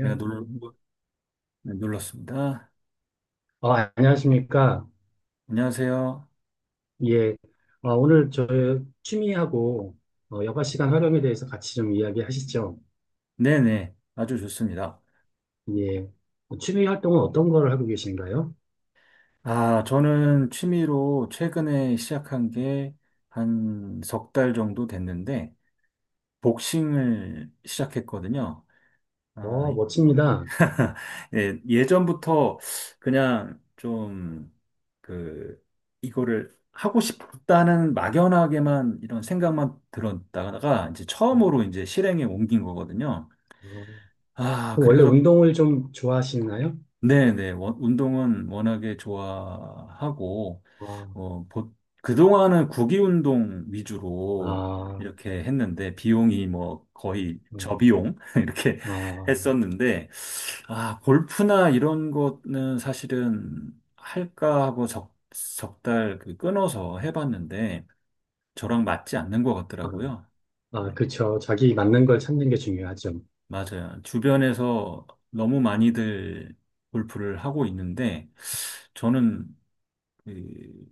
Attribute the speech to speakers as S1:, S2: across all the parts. S1: 내가 놀, 놀- 네, 놀랐습니다.
S2: 아, 안녕하십니까.
S1: 안녕하세요.
S2: 예. 아, 오늘 저 취미하고 여가 시간 활용에 대해서 같이 좀 이야기하시죠.
S1: 네네, 아주 좋습니다.
S2: 예. 취미 활동은 어떤 걸 하고 계신가요?
S1: 아, 저는 취미로 최근에 시작한 게 한 석 달 정도 됐는데, 복싱을 시작했거든요. 아,
S2: 멋집니다.
S1: 예, 예전부터 그냥 좀, 그, 이거를 하고 싶다는 막연하게만 이런 생각만 들었다가 이제
S2: 어,
S1: 처음으로 이제 실행에 옮긴 거거든요.
S2: 어.
S1: 아,
S2: 그럼 원래
S1: 그래서
S2: 운동을 좀 좋아하시나요?
S1: 네네. 운동은 워낙에 좋아하고,
S2: 아,
S1: 어, 보, 그동안은 구기 운동 위주로
S2: 아,
S1: 이렇게 했는데, 비용이 뭐 거의
S2: 음,
S1: 저비용? 이렇게
S2: 아,
S1: 했었는데, 아, 골프나 이런 거는 사실은 할까 하고 적달 그 끊어서 해봤는데, 저랑 맞지 않는 것
S2: 아,
S1: 같더라고요. 예,
S2: 아, 그쵸. 자기 맞는 걸 찾는 게 중요하죠.
S1: 맞아요. 주변에서 너무 많이들 골프를 하고 있는데, 저는 이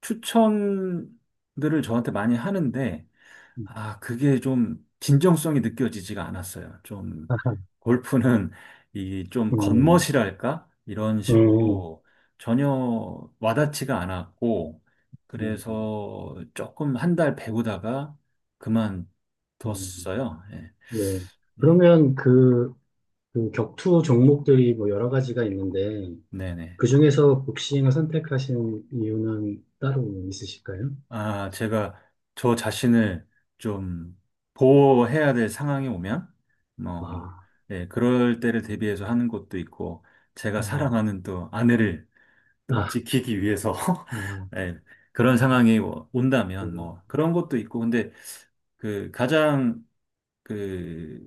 S1: 추천들을 저한테 많이 하는데,
S2: 음,
S1: 아, 그게 좀 진정성이 느껴지지가 않았어요. 좀
S2: 아하,
S1: 골프는 이 좀
S2: 음,
S1: 겉멋이랄까? 이런
S2: 음,
S1: 식으로 전혀 와닿지가 않았고,
S2: 음,
S1: 그래서 조금 한 달 배우다가
S2: 음.
S1: 그만뒀어요. 예,
S2: 예.
S1: 네,
S2: 그러면 그 격투 종목들이 뭐 여러 가지가 있는데
S1: 네네.
S2: 그중에서 복싱을 선택하신 이유는 따로 있으실까요?
S1: 아, 제가 저 자신을 좀 보호해야 될 상황이 오면, 뭐,
S2: 아,
S1: 예, 그럴 때를 대비해서 하는 것도 있고, 제가
S2: 음,
S1: 사랑하는 또 아내를 또
S2: 아,
S1: 지키기 위해서,
S2: 아,
S1: 예, 그런 상황이 뭐 온다면,
S2: 음,
S1: 뭐, 그런 것도 있고, 근데 그 가장 그,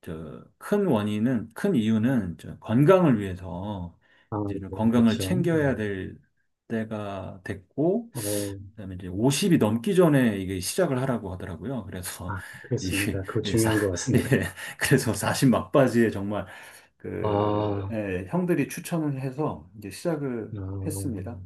S1: 큰 이유는 저 건강을 위해서
S2: 아,
S1: 이제 좀
S2: 네,
S1: 건강을
S2: 그렇죠.
S1: 챙겨야 될 때가 됐고,
S2: 어,
S1: 그다음에 이제 50이 넘기 전에 이게 시작을 하라고 하더라고요. 그래서
S2: 아, 그렇습니다. 그거
S1: 예,
S2: 중요한 것
S1: 예,
S2: 같습니다.
S1: 그래서 사십 막바지에 정말
S2: 아, 아,
S1: 예, 형들이 추천을 해서 이제 시작을 했습니다.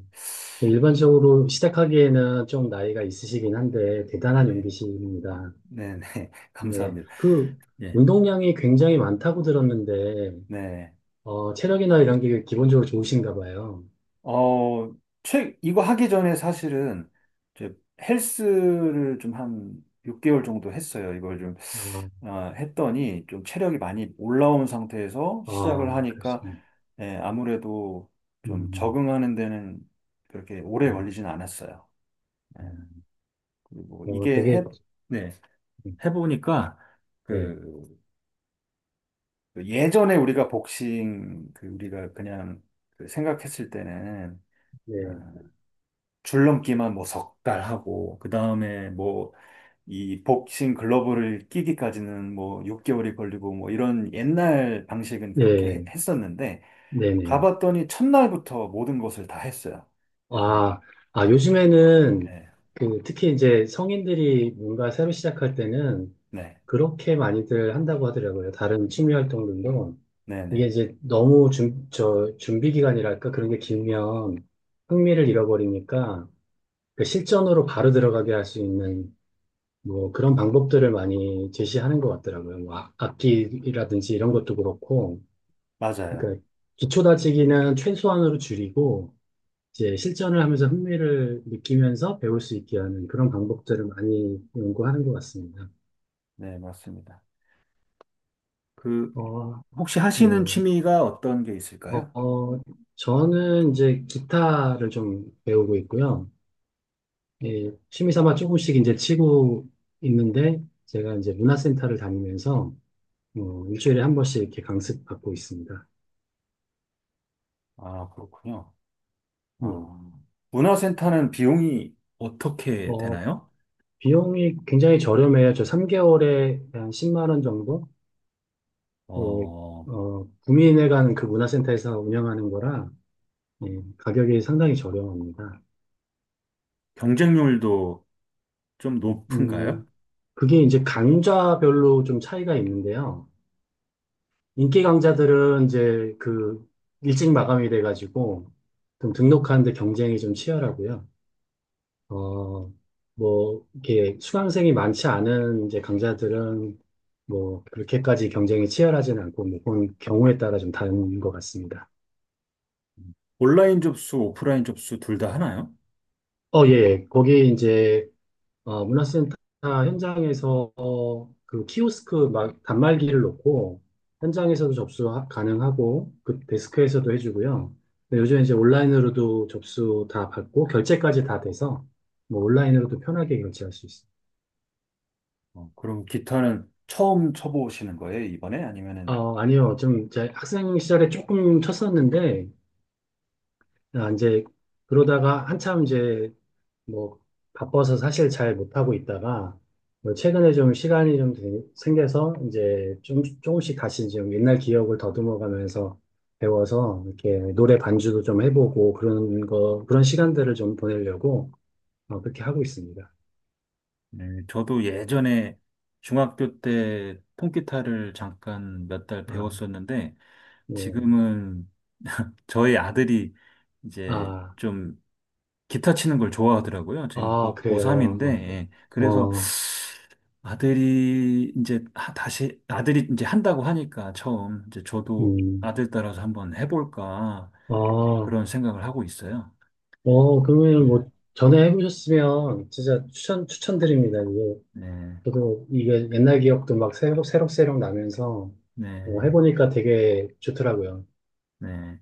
S2: 네, 일반적으로 시작하기에는 좀 나이가 있으시긴 한데 대단한
S1: 예,
S2: 용기십니다.
S1: 네네.
S2: 네,
S1: 감사합니다.
S2: 그
S1: 예,
S2: 운동량이 굉장히 많다고 들었는데
S1: 네.
S2: 체력이나 이런 게 기본적으로 좋으신가 봐요.
S1: 어, 이거 하기 전에 사실은 이제 헬스를 좀 한 6개월 정도 했어요. 이걸 좀
S2: 아,
S1: 했더니 좀 체력이 많이 올라온 상태에서 시작을
S2: 아,
S1: 하니까
S2: 그러시군요.
S1: 예, 아무래도 좀
S2: 음,
S1: 적응하는 데는 그렇게 오래
S2: 음,
S1: 걸리진 않았어요. 예,
S2: 음.
S1: 그리고
S2: 어, 되게,
S1: 네, 해보니까
S2: 네,
S1: 그, 그 예전에 우리가 그 우리가 그냥 그 생각했을 때는
S2: 네,
S1: 아, 줄넘기만 뭐 석달 하고, 그 다음에 뭐 이 복싱 글러브를 끼기까지는 뭐 6개월이 걸리고 뭐 이런 옛날 방식은 그렇게
S2: 예,
S1: 했었는데,
S2: 네네.
S1: 가봤더니 첫날부터 모든 것을 다 했어요. 그래서,
S2: 아,
S1: 네,
S2: 아, 요즘에는
S1: 네,
S2: 그 특히 이제 성인들이 뭔가 새로 시작할 때는
S1: 네,
S2: 그렇게 많이들 한다고 하더라고요. 다른 취미 활동들도.
S1: 네,
S2: 이게
S1: 네.
S2: 이제 너무 준비 기간이랄까 그런 게 길면 흥미를 잃어버리니까 그 실전으로 바로 들어가게 할 수 있는 뭐 그런 방법들을 많이 제시하는 것 같더라고요. 뭐 악기라든지 이런 것도 그렇고,
S1: 맞아요.
S2: 그러니까 기초 다지기는 최소한으로 줄이고 이제 실전을 하면서 흥미를 느끼면서 배울 수 있게 하는 그런 방법들을 많이 연구하는 것 같습니다.
S1: 네, 맞습니다. 그,
S2: 어,
S1: 혹시
S2: 예.
S1: 하시는 취미가 어떤 게
S2: 어,
S1: 있을까요?
S2: 어, 저는 이제 기타를 좀 배우고 있고요. 예, 취미 삼아 조금씩 이제 치고 있는데 제가 이제 문화센터를 다니면서 일주일에 한 번씩 이렇게 강습 받고 있습니다.
S1: 아, 그렇군요.
S2: 예.
S1: 아, 문화센터는 비용이 어떻게
S2: 어,
S1: 되나요?
S2: 비용이 굉장히 저렴해요. 저 3개월에 한 10만 원 정도? 예,
S1: 어,
S2: 구민회관 그 문화센터에서 운영하는 거라 예, 가격이 상당히 저렴합니다.
S1: 경쟁률도 좀 높은가요?
S2: 음, 그게 이제 강좌별로 좀 차이가 있는데요. 인기 강좌들은 이제 그 일찍 마감이 돼가지고 좀 등록하는데 경쟁이 좀 치열하고요. 어, 뭐, 이렇게 수강생이 많지 않은 이제 강좌들은 뭐, 그렇게까지 경쟁이 치열하진 않고, 뭐, 그건 경우에 따라 좀 다른 것 같습니다.
S1: 온라인 접수, 오프라인 접수 둘 다 하나요?
S2: 예, 예. 거기 이제, 문화센터 현장에서 그 키오스크 막 단말기를 놓고, 현장에서도 접수 가능하고, 그 데스크에서도 해주고요. 근데 요즘 이제 온라인으로도 접수 다 받고, 결제까지 다 돼서, 뭐, 온라인으로도 편하게 결제할 수 있습니다.
S1: 그럼 기타는 처음 쳐보시는 거예요, 이번에? 아니면은,
S2: 아니요. 좀, 제 학생 시절에 조금 쳤었는데, 아, 이제, 그러다가 한참 이제, 뭐, 바빠서 사실 잘 못하고 있다가, 뭐 최근에 좀 시간이 좀 생겨서, 이제, 좀, 조금씩 다시 좀 옛날 기억을 더듬어가면서 배워서, 이렇게 노래 반주도 좀 해보고, 그런 거, 그런 시간들을 좀 보내려고, 그렇게 하고 있습니다.
S1: 네, 저도 예전에 중학교 때 통기타를 잠깐 몇 달
S2: 아,
S1: 배웠었는데
S2: 뭐,
S1: 지금은 저희 아들이 이제
S2: 아,
S1: 좀 기타 치는 걸 좋아하더라고요. 지금
S2: 아, 그래요.
S1: 고3인데,
S2: 어,
S1: 그래서
S2: 어,
S1: 다시 아들이 이제 한다고 하니까 처음 이제 저도
S2: 음,
S1: 아들 따라서 한번 해볼까
S2: 어.
S1: 그런 생각을 하고 있어요.
S2: 그러면
S1: 네,
S2: 뭐, 전에 해보셨으면 진짜 추천드립니다. 이게,
S1: 네,
S2: 저도 이게 옛날 기억도 막 새록새록 나면서
S1: 네.
S2: 해보니까 되게 좋더라고요.
S1: 네.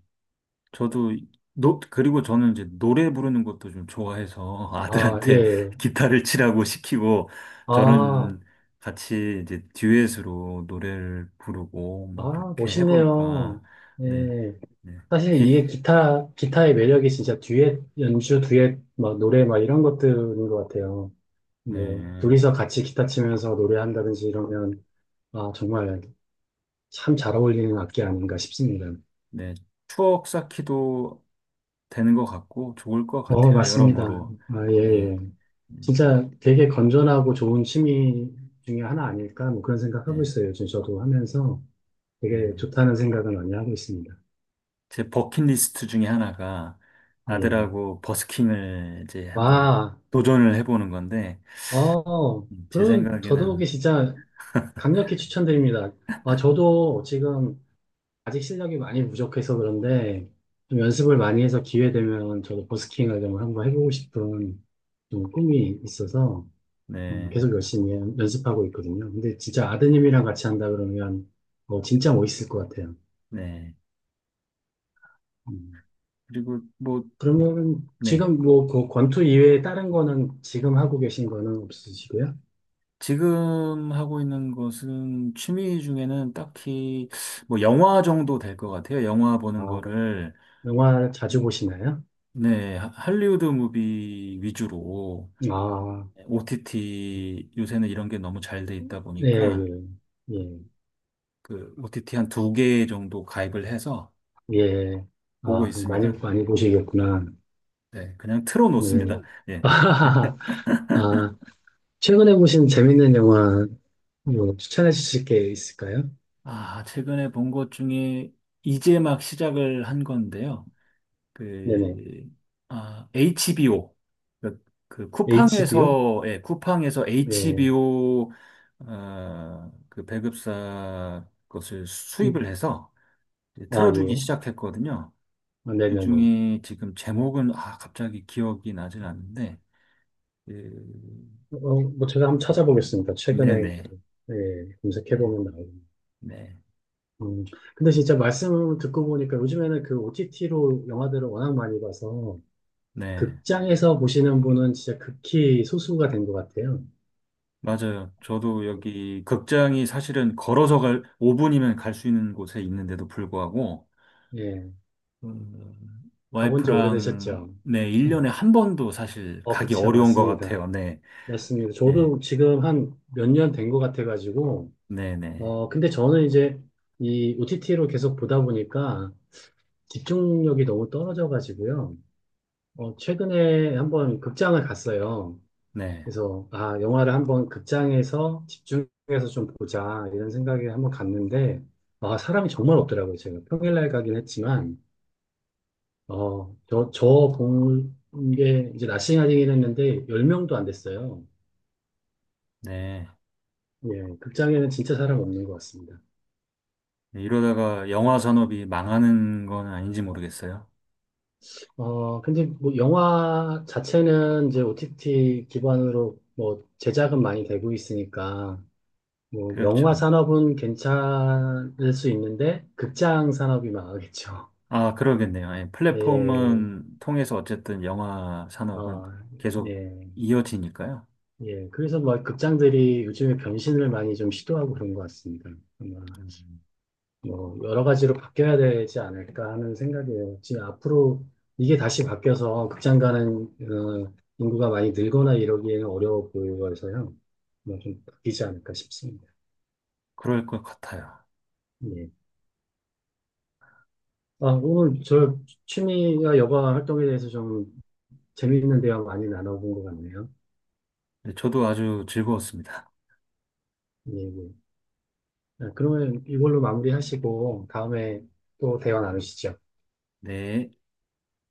S1: 저도 노 그리고 저는 이제 노래 부르는 것도 좀 좋아해서
S2: 아,
S1: 아들한테
S2: 예.
S1: 기타를 치라고 시키고
S2: 아,
S1: 저는 같이 이제 듀엣으로 노래를 부르고 뭐
S2: 아,
S1: 그렇게 해볼까.
S2: 멋있네요.
S1: 네,
S2: 예.
S1: 네.
S2: 사실
S1: 기,
S2: 이게 기타의 매력이 진짜 듀엣, 연주, 듀엣, 막 노래 막 이런 것들인 것 같아요. 뭐,
S1: 네.
S2: 둘이서 같이 기타 치면서 노래한다든지 이러면, 아, 정말 참 잘 어울리는 악기 아닌가 싶습니다.
S1: 네, 추억 쌓기도 되는 것 같고 좋을 것 같아요.
S2: 맞습니다.
S1: 여러모로.
S2: 아, 예,
S1: 네,
S2: 예.
S1: 음,
S2: 진짜 되게 건전하고 좋은 취미 중에 하나 아닐까? 뭐 그런 생각하고
S1: 네,
S2: 있어요. 요즘 저도 하면서 되게
S1: 네.
S2: 좋다는 생각을 많이 하고 있습니다.
S1: 제 버킷리스트 중에 하나가
S2: 예.
S1: 아들하고 버스킹을 이제 한번
S2: 와,
S1: 도전을 해보는 건데 제
S2: 그러면
S1: 생각에는
S2: 더더욱이 진짜 강력히 추천드립니다. 아, 저도 지금 아직 실력이 많이 부족해서 그런데 좀 연습을 많이 해서 기회 되면 저도 버스킹을 좀 한번 해보고 싶은 좀 꿈이 있어서
S1: 네,
S2: 계속 열심히 연습하고 있거든요. 근데 진짜 아드님이랑 같이 한다 그러면 진짜 멋있을 것 같아요.
S1: 네.
S2: 음.
S1: 그리고 뭐
S2: 그러면
S1: 네.
S2: 지금 뭐 그 권투 이외에 다른 거는 지금 하고 계신 거는 없으시고요?
S1: 지금 하고 있는 것은 취미 중에는 딱히 뭐 영화 정도 될 것 같아요. 영화
S2: 아,
S1: 보는 거를
S2: 영화 자주 보시나요?
S1: 네, 할리우드 무비 위주로
S2: 아,
S1: OTT 요새는 이런 게 너무 잘 돼 있다
S2: 예,
S1: 보니까
S2: 예, 예,
S1: 그 OTT 한 두 개 정도 가입을 해서
S2: 예.
S1: 보고
S2: 아, 그럼 많이,
S1: 있습니다.
S2: 많이 보시겠구나.
S1: 네, 그냥 틀어
S2: 예.
S1: 놓습니다. 예.
S2: 아, 최근에 보신 재밌는 영화 뭐 추천해 주실 게 있을까요?
S1: 아, 최근에 본 것 중에 이제 막 시작을 한 건데요.
S2: 네네.
S1: 그, 아, HBO. 그, 그
S2: HBO?
S1: 쿠팡에서, 예, 쿠팡에서
S2: 예.
S1: HBO, 그 배급사 것을 수입을
S2: 음,
S1: 해서 이제
S2: 아,
S1: 틀어주기
S2: 예.
S1: 시작했거든요.
S2: 아, 네네네.
S1: 그중에 지금 제목은 아 갑자기 기억이 나질 않는데 그,
S2: 뭐 제가 한번 찾아보겠습니다.
S1: 네네
S2: 최근에
S1: 네,
S2: 예, 검색해보면 나오고.
S1: 네,
S2: 음, 근데 진짜 말씀 듣고 보니까 요즘에는 그 OTT로 영화들을 워낙 많이 봐서
S1: 네.
S2: 극장에서 보시는 분은 진짜 극히 소수가 된 것 같아요.
S1: 맞아요. 저도 여기 극장이 사실은 걸어서 갈 5분이면 갈 수 있는 곳에 있는데도 불구하고
S2: 예, 가본 지
S1: 와이프랑
S2: 오래되셨죠?
S1: 네 1년에
S2: 음.
S1: 한 번도 사실 가기
S2: 그치요.
S1: 어려운 것
S2: 맞습니다.
S1: 같아요. 네,
S2: 맞습니다.
S1: 네,
S2: 저도 지금 한 몇 년 된 것 같아가지고,
S1: 네, 네,
S2: 근데 저는 이제 이 OTT로 계속 보다 보니까 집중력이 너무 떨어져가지고요. 최근에 한번 극장을 갔어요. 그래서, 아, 영화를 한번 극장에서 집중해서 좀 보자, 이런 생각에 한번 갔는데, 아, 사람이 정말 없더라고요. 제가 평일날 가긴 했지만, 저본게 이제 낮 시간이긴 했는데, 10명도 안 됐어요.
S1: 네,
S2: 예, 극장에는 진짜 사람 없는 것 같습니다.
S1: 네. 이러다가 영화 산업이 망하는 건 아닌지 모르겠어요.
S2: 근데 뭐 영화 자체는 이제 OTT 기반으로 뭐 제작은 많이 되고 있으니까, 뭐 영화
S1: 그렇죠.
S2: 산업은 괜찮을 수 있는데 극장 산업이 망하겠죠.
S1: 아, 그러겠네요. 예,
S2: 예,
S1: 플랫폼은 통해서 어쨌든 영화 산업은
S2: 어,
S1: 계속
S2: 예,
S1: 이어지니까요.
S2: 예. 그래서 뭐 극장들이 요즘에 변신을 많이 좀 시도하고 그런 것 같습니다. 아마
S1: 음,
S2: 뭐 여러 가지로 바뀌어야 되지 않을까 하는 생각이에요. 지금 앞으로 이게 다시 바뀌어서 극장 가는 인구가 많이 늘거나 이러기에는 어려워 보여서요. 뭐 좀 바뀌지 않을까 싶습니다.
S1: 그럴 것 같아요.
S2: 예. 아, 오늘 저 취미와 여가 활동에 대해서 좀 재미있는 대화 많이 나눠본 것 같네요.
S1: 네, 저도 아주 즐거웠습니다.
S2: 예, 예. 아, 그러면 이걸로 마무리하시고 다음에 또 대화 나누시죠.
S1: 네.